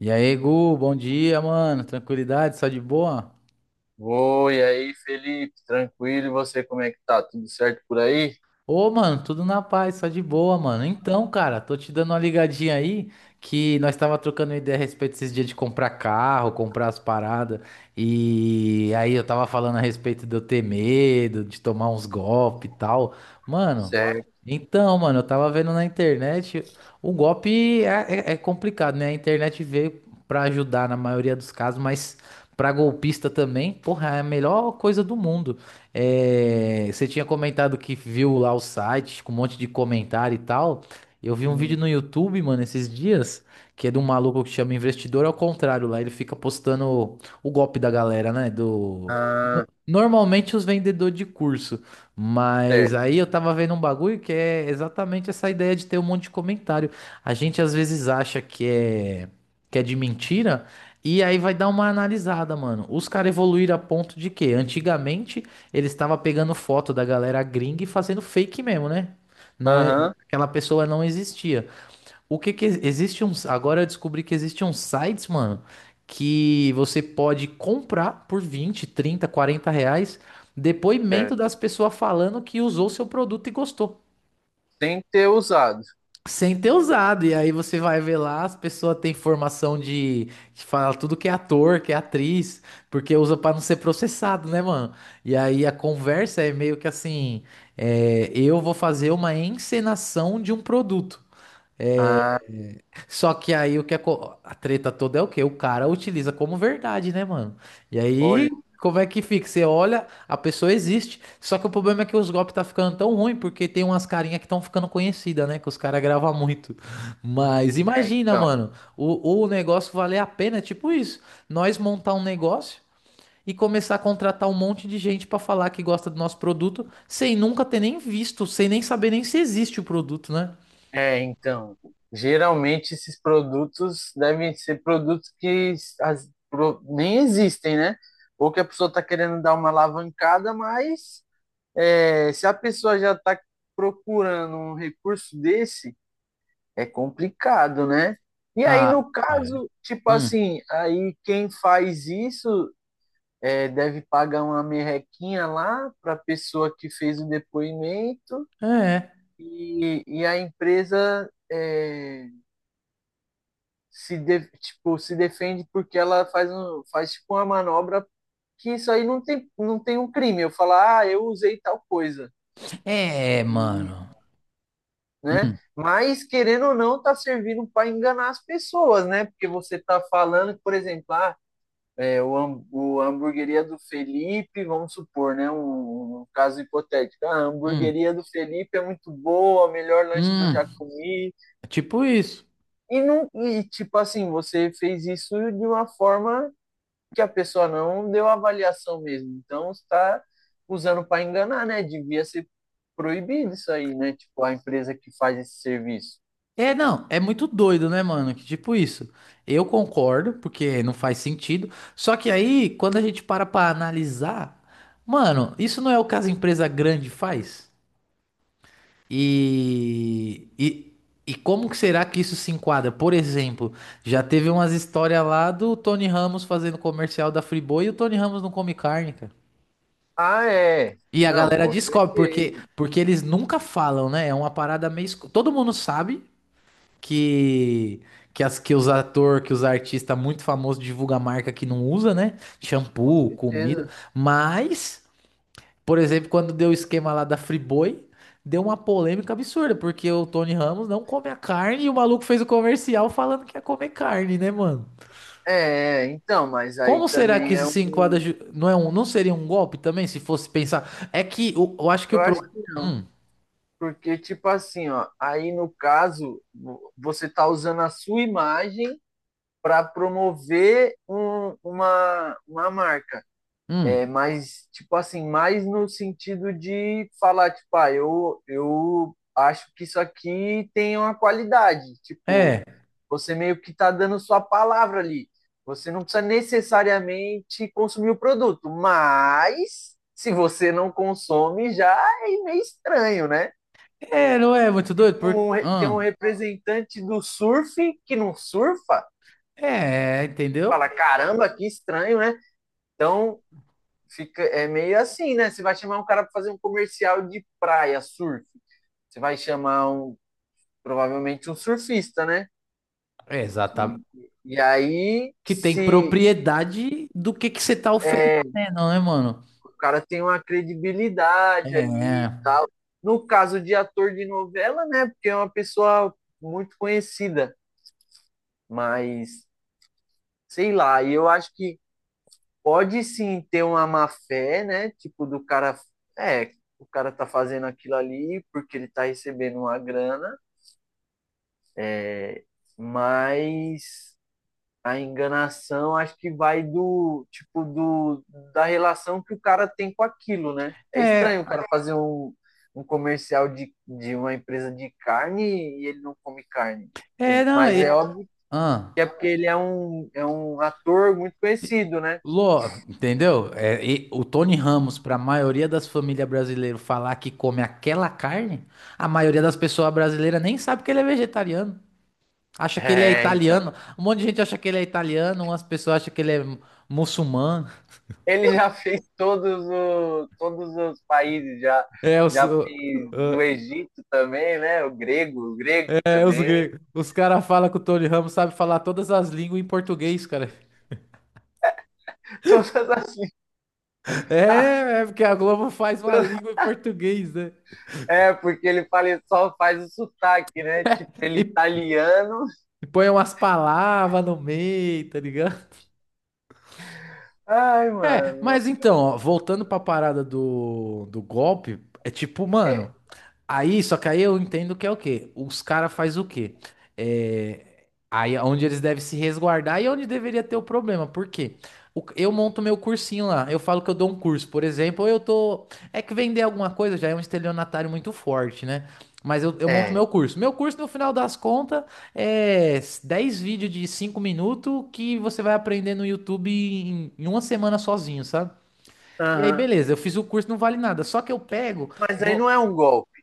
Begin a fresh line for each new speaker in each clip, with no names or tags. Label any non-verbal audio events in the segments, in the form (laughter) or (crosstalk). E aí, Gu, bom dia, mano. Tranquilidade, só de boa?
Oi, aí, Felipe, tranquilo? E você, como é que tá? Tudo certo por aí?
Ô, mano, tudo na paz, só de boa, mano. Então, cara, tô te dando uma ligadinha aí que nós tava trocando ideia a respeito desses dias de comprar carro, comprar as paradas. E aí eu tava falando a respeito de eu ter medo, de tomar uns golpes e tal. Mano,
Certo.
então, mano, eu tava vendo na internet, o golpe é complicado, né? A internet veio pra ajudar na maioria dos casos, mas pra golpista também, porra, é a melhor coisa do mundo. É, você tinha comentado que viu lá o site com um monte de comentário e tal. Eu vi um vídeo
Hum.
no YouTube, mano, esses dias, que é de um maluco que chama Investidor ao contrário lá. Ele fica postando o golpe da galera, né? Do... no-
Ah,
Normalmente os vendedores de curso. Mas
certo.
aí eu tava vendo um bagulho que é exatamente essa ideia de ter um monte de comentário. A gente às vezes acha que é de mentira. E aí vai dar uma analisada, mano. Os caras evoluíram a ponto de que antigamente ele estava pegando foto da galera gringa e fazendo fake mesmo, né? Não é,
Aham,
aquela pessoa não existia. O que que existe uns, agora eu descobri que existe uns sites, mano, que você pode comprar por 20, 30, R$ 40 depoimento
certo.
das pessoas falando que usou seu produto e gostou
Sem ter usado.
sem ter usado. E aí você vai ver lá, as pessoas têm formação de, que fala tudo que é ator, que é atriz, porque usa pra não ser processado, né, mano? E aí a conversa é meio que assim, é, eu vou fazer uma encenação de um produto. É,
Ah,
só que aí o que é co- a treta toda é o quê? O cara utiliza como verdade, né, mano? E
olha,
aí, como é que fica? Você olha, a pessoa existe. Só que o problema é que os golpes tá ficando tão ruim porque tem umas carinhas que estão ficando conhecidas, né? Que os caras gravam muito. Mas
é,
imagina,
então.
mano, o negócio valer a pena, é tipo isso. Nós montar um negócio e começar a contratar um monte de gente pra falar que gosta do nosso produto sem nunca ter nem visto, sem nem saber nem se existe o produto, né?
É, então, geralmente esses produtos devem ser produtos que nem existem, né? Ou que a pessoa tá querendo dar uma alavancada, mas se a pessoa já tá procurando um recurso desse. É complicado, né? E aí,
Ah,
no
é.
caso, tipo
Hum.
assim, aí quem faz isso deve pagar uma merrequinha lá para a pessoa que fez o depoimento
É.
e, a empresa se, tipo, se defende porque ela faz, faz tipo uma manobra que isso aí não tem, não tem um crime. Eu falar, ah, eu usei tal coisa.
É,
E,
mano.
né?
Hum,
Mas, querendo ou não, tá servindo para enganar as pessoas, né? Porque você tá falando, por exemplo, ah, é, o, o hamburgueria do Felipe, vamos supor, né? Um caso hipotético. Ah, a
hum,
hamburgueria do Felipe é muito boa, o melhor lanche que eu
hum.
já comi.
É, tipo isso.
E, não, e, tipo assim, você fez isso de uma forma que a pessoa não deu avaliação mesmo. Então, você está usando para enganar, né? Devia ser proibido isso aí, né? Tipo, a empresa que faz esse serviço.
É, não, é muito doido, né, mano? Que tipo isso. Eu concordo, porque não faz sentido. Só que aí, quando a gente para pra analisar, mano, isso não é o que caso empresa grande faz? E, e, e como que será que isso se enquadra? Por exemplo, já teve umas histórias lá do Tony Ramos fazendo comercial da Friboi e o Tony Ramos não come carne, cara.
Ah, é.
E a
Não,
galera
com
descobre, porque,
certeza,
porque eles nunca falam, né? É uma parada meio. Todo mundo sabe que, que os atores que os artistas muito famosos divulgam marca que não usa, né?
com
Shampoo, comida.
certeza.
Mas, por exemplo, quando deu o esquema lá da Friboi, deu uma polêmica absurda, porque o Tony Ramos não come a carne e o maluco fez o comercial falando que ia comer carne, né, mano?
É, então, mas aí
Como será que
também
isso
é
se
um.
enquadra? Não, é um, não seria um golpe também, se fosse pensar? É que eu acho que o.
Eu acho
pro-
que não.
Hum.
Porque tipo assim, ó, aí no caso, você tá usando a sua imagem para promover uma marca. É,
Hum.
mas tipo assim, mais no sentido de falar, tipo, ah, eu acho que isso aqui tem uma qualidade. Tipo,
É,
você meio que tá dando sua palavra ali. Você não precisa necessariamente consumir o produto, mas se você não consome, já é meio estranho, né?
é, não é muito doido?
Tipo, tem um representante do surf que não surfa.
É, entendeu?
Fala, caramba, que estranho, né? Então, fica, é meio assim, né? Você vai chamar um cara para fazer um comercial de praia, surf. Você vai chamar um, provavelmente um surfista, né?
É exatamente.
E, e aí,
Que tem
se
propriedade do que você tá oferecendo, né, mano?
o cara tem uma credibilidade ali e
É,
tal. No caso de ator de novela, né? Porque é uma pessoa muito conhecida, mas sei lá, e eu acho que pode sim ter uma má fé, né? Tipo, do cara. É, o cara tá fazendo aquilo ali porque ele tá recebendo uma grana, é, mas a enganação acho que vai do tipo do da relação que o cara tem com aquilo, né?
é,
É estranho o
é,
cara fazer um comercial de uma empresa de carne e ele não come carne. É.
é, não,
Mas é
e,
óbvio
ah,
que é porque ele é é um ator muito
e-
conhecido, né?
Lô, entendeu? É, e o Tony Ramos, para a maioria das famílias brasileiras falar que come aquela carne, a maioria das pessoas brasileiras nem sabe que ele é vegetariano. Acha que ele é
É, então.
italiano. Um monte de gente acha que ele é italiano, umas pessoas acham que ele é muçulmano.
Ele já fez todos os países já,
É, os,
já fez no
o-
Egito também, né? O grego
é, os,
também.
gre- os caras falam que o Tony Ramos sabe falar todas as línguas em português, cara.
Todas as. (laughs)
É, é porque a Globo faz uma língua em português, né?
É, porque ele fala, ele só faz o sotaque, né? Tipo, ele é
E,
italiano.
e põe umas palavras no meio, tá ligado?
Ai,
É,
mano.
mas então, ó, voltando pra parada do golpe, é tipo,
É,
mano. Aí, só que aí eu entendo que é o quê? Os caras faz o quê? É, aí é onde eles devem se resguardar e é onde deveria ter o problema. Por quê? Eu monto meu cursinho lá. Eu falo que eu dou um curso, por exemplo, eu tô. É que vender alguma coisa já é um estelionatário muito forte, né? Mas eu monto
é.
meu curso. Meu curso, no final das contas, é 10 vídeos de 5 minutos que você vai aprender no YouTube em uma semana sozinho, sabe? E aí,
Aham.
beleza, eu fiz o curso, não vale nada. Só que eu pego.
Mas aí não
Vou,
é um golpe.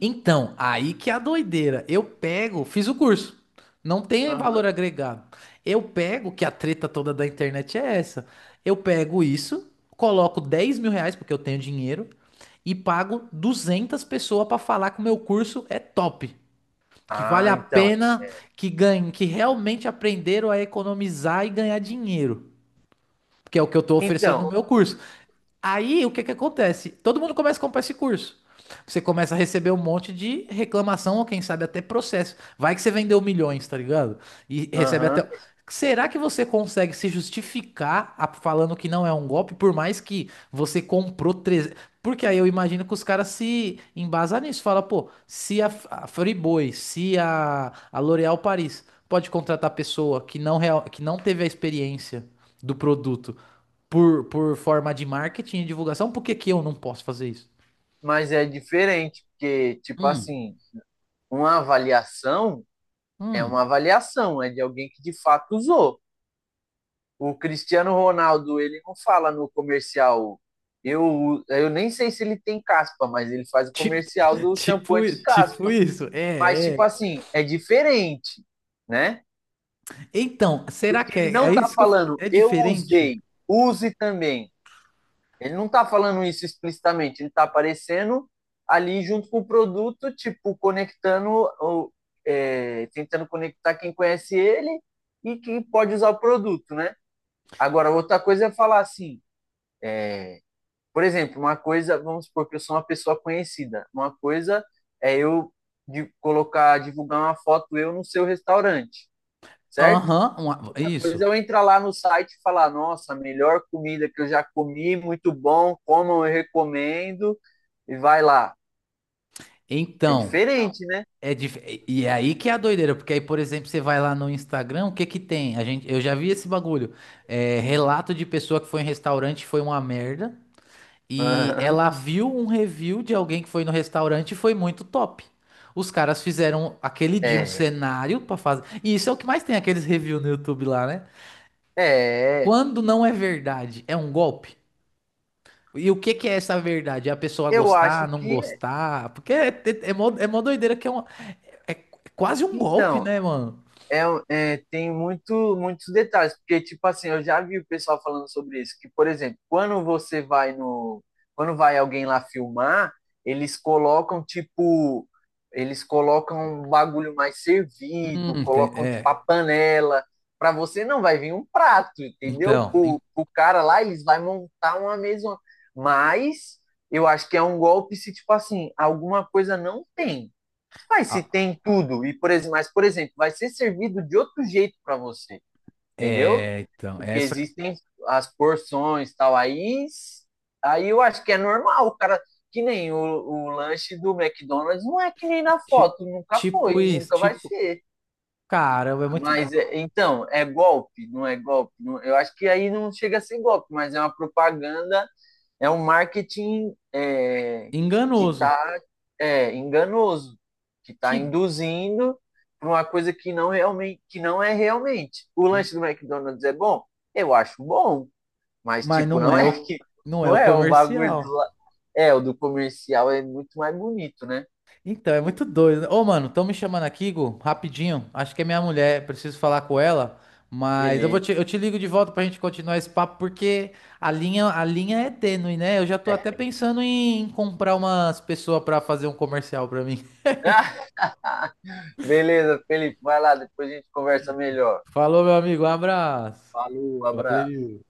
então, aí que é a doideira. Eu pego, fiz o curso. Não tem valor
Aham.
agregado. Eu pego, que a treta toda da internet é essa. Eu pego isso, coloco R$ 10 mil, porque eu tenho dinheiro, e pago 200 pessoas para falar que o meu curso é top. Que vale
Ah,
a
então.
pena, que ganhem, que realmente aprenderam a economizar e ganhar dinheiro. Que é o que eu tô oferecendo no
Então,
meu curso. Aí o que que acontece? Todo mundo começa a comprar esse curso. Você começa a receber um monte de reclamação, ou quem sabe até processo. Vai que você vendeu milhões, tá ligado? E recebe
aham.
até. Será que você consegue se justificar falando que não é um golpe, por mais que você comprou 300? Porque aí eu imagino que os caras se embasam nisso. Fala, pô, se a Friboi, se a L'Oréal Paris pode contratar pessoa que não, real, que não teve a experiência do produto por forma de marketing e divulgação, por que que eu não posso fazer isso?
Mas é diferente, porque tipo
Hum,
assim, uma avaliação
hum.
uma avaliação, é de alguém que de fato usou. O Cristiano Ronaldo, ele não fala no comercial. Eu nem sei se ele tem caspa, mas ele faz o
Tipo,
comercial
(laughs)
do shampoo
tipo
anti-caspa.
isso.
Mas
É,
tipo
é.
assim, é diferente, né?
Então, será
Porque
que
ele
é,
não
é
tá
isso que
falando,
é
eu
diferente?
usei, use também. Ele não tá falando isso explicitamente, ele tá aparecendo ali junto com o produto, tipo, conectando, ou, é, tentando conectar quem conhece ele e quem pode usar o produto, né? Agora, outra coisa é falar assim, por exemplo, uma coisa, vamos supor que eu sou uma pessoa conhecida. Uma coisa é eu de colocar, divulgar uma foto eu no seu restaurante, certo?
Aham,
Outra
isso.
coisa é eu entrar lá no site e falar, nossa, a melhor comida que eu já comi, muito bom, comam, eu recomendo, e vai lá. É
Então,
diferente, né?
é dif... e é aí que é a doideira, porque aí, por exemplo, você vai lá no Instagram, o que que tem? Eu já vi esse bagulho. É, relato de pessoa que foi em restaurante e foi uma merda.
(laughs)
E
Aham.
ela viu um review de alguém que foi no restaurante e foi muito top. Os caras fizeram aquele dia um
É.
cenário pra fazer. E isso é o que mais tem aqueles reviews no YouTube lá, né?
É.
Quando não é verdade, é um golpe. E o que que é essa verdade? É a pessoa
Eu acho
gostar, não
que.
gostar? Porque é mó doideira que é, uma, é quase um golpe,
Então,
né, mano?
é, um, é, tem muito, muitos detalhes, porque tipo assim, eu já vi o pessoal falando sobre isso, que, por exemplo, quando você vai no, quando vai alguém lá filmar, eles colocam, tipo, eles colocam um bagulho mais servido, colocam, tipo,
É.
a panela, para você não vai vir um prato, entendeu?
Então,
Pro, pro cara lá, eles vai montar uma mesa, mas eu acho que é um golpe se, tipo assim, alguma coisa não tem, mas se
ah,
tem tudo, e por exemplo, mas por exemplo, vai ser servido de outro jeito para você, entendeu?
é, então,
Porque
essa
existem as porções tal, aí, aí eu acho que é normal, o cara, que nem o, o lanche do McDonald's não é que nem na
ti-
foto, nunca
tipo
foi,
isso,
nunca vai
tipo,
ser.
cara é muito
Mas então, é golpe, não é golpe? Eu acho que aí não chega a ser golpe, mas é uma propaganda é um marketing que
enganoso.
está é, enganoso, que está
Que
induzindo para uma coisa que não, realmente, que não é realmente. O lanche do McDonald's é bom? Eu acho bom, mas
Mas
tipo,
não
não é
é
(laughs)
o,
que
não é
não
o
é o bagulho do,
comercial.
é, o do comercial é muito mais bonito, né?
Então, é muito doido, né? Ô, mano, estão me chamando aqui, Gu, rapidinho. Acho que é minha mulher, preciso falar com ela. Mas eu vou
Beleza.
te, eu te ligo de volta pra gente continuar esse papo, porque a linha é tênue, né? Eu já tô até pensando em comprar umas pessoas pra fazer um comercial pra mim.
(laughs) Beleza, Felipe, vai lá, depois a gente conversa melhor.
(laughs) Falou, meu amigo, um abraço.
Falou, abraço.
Valeu.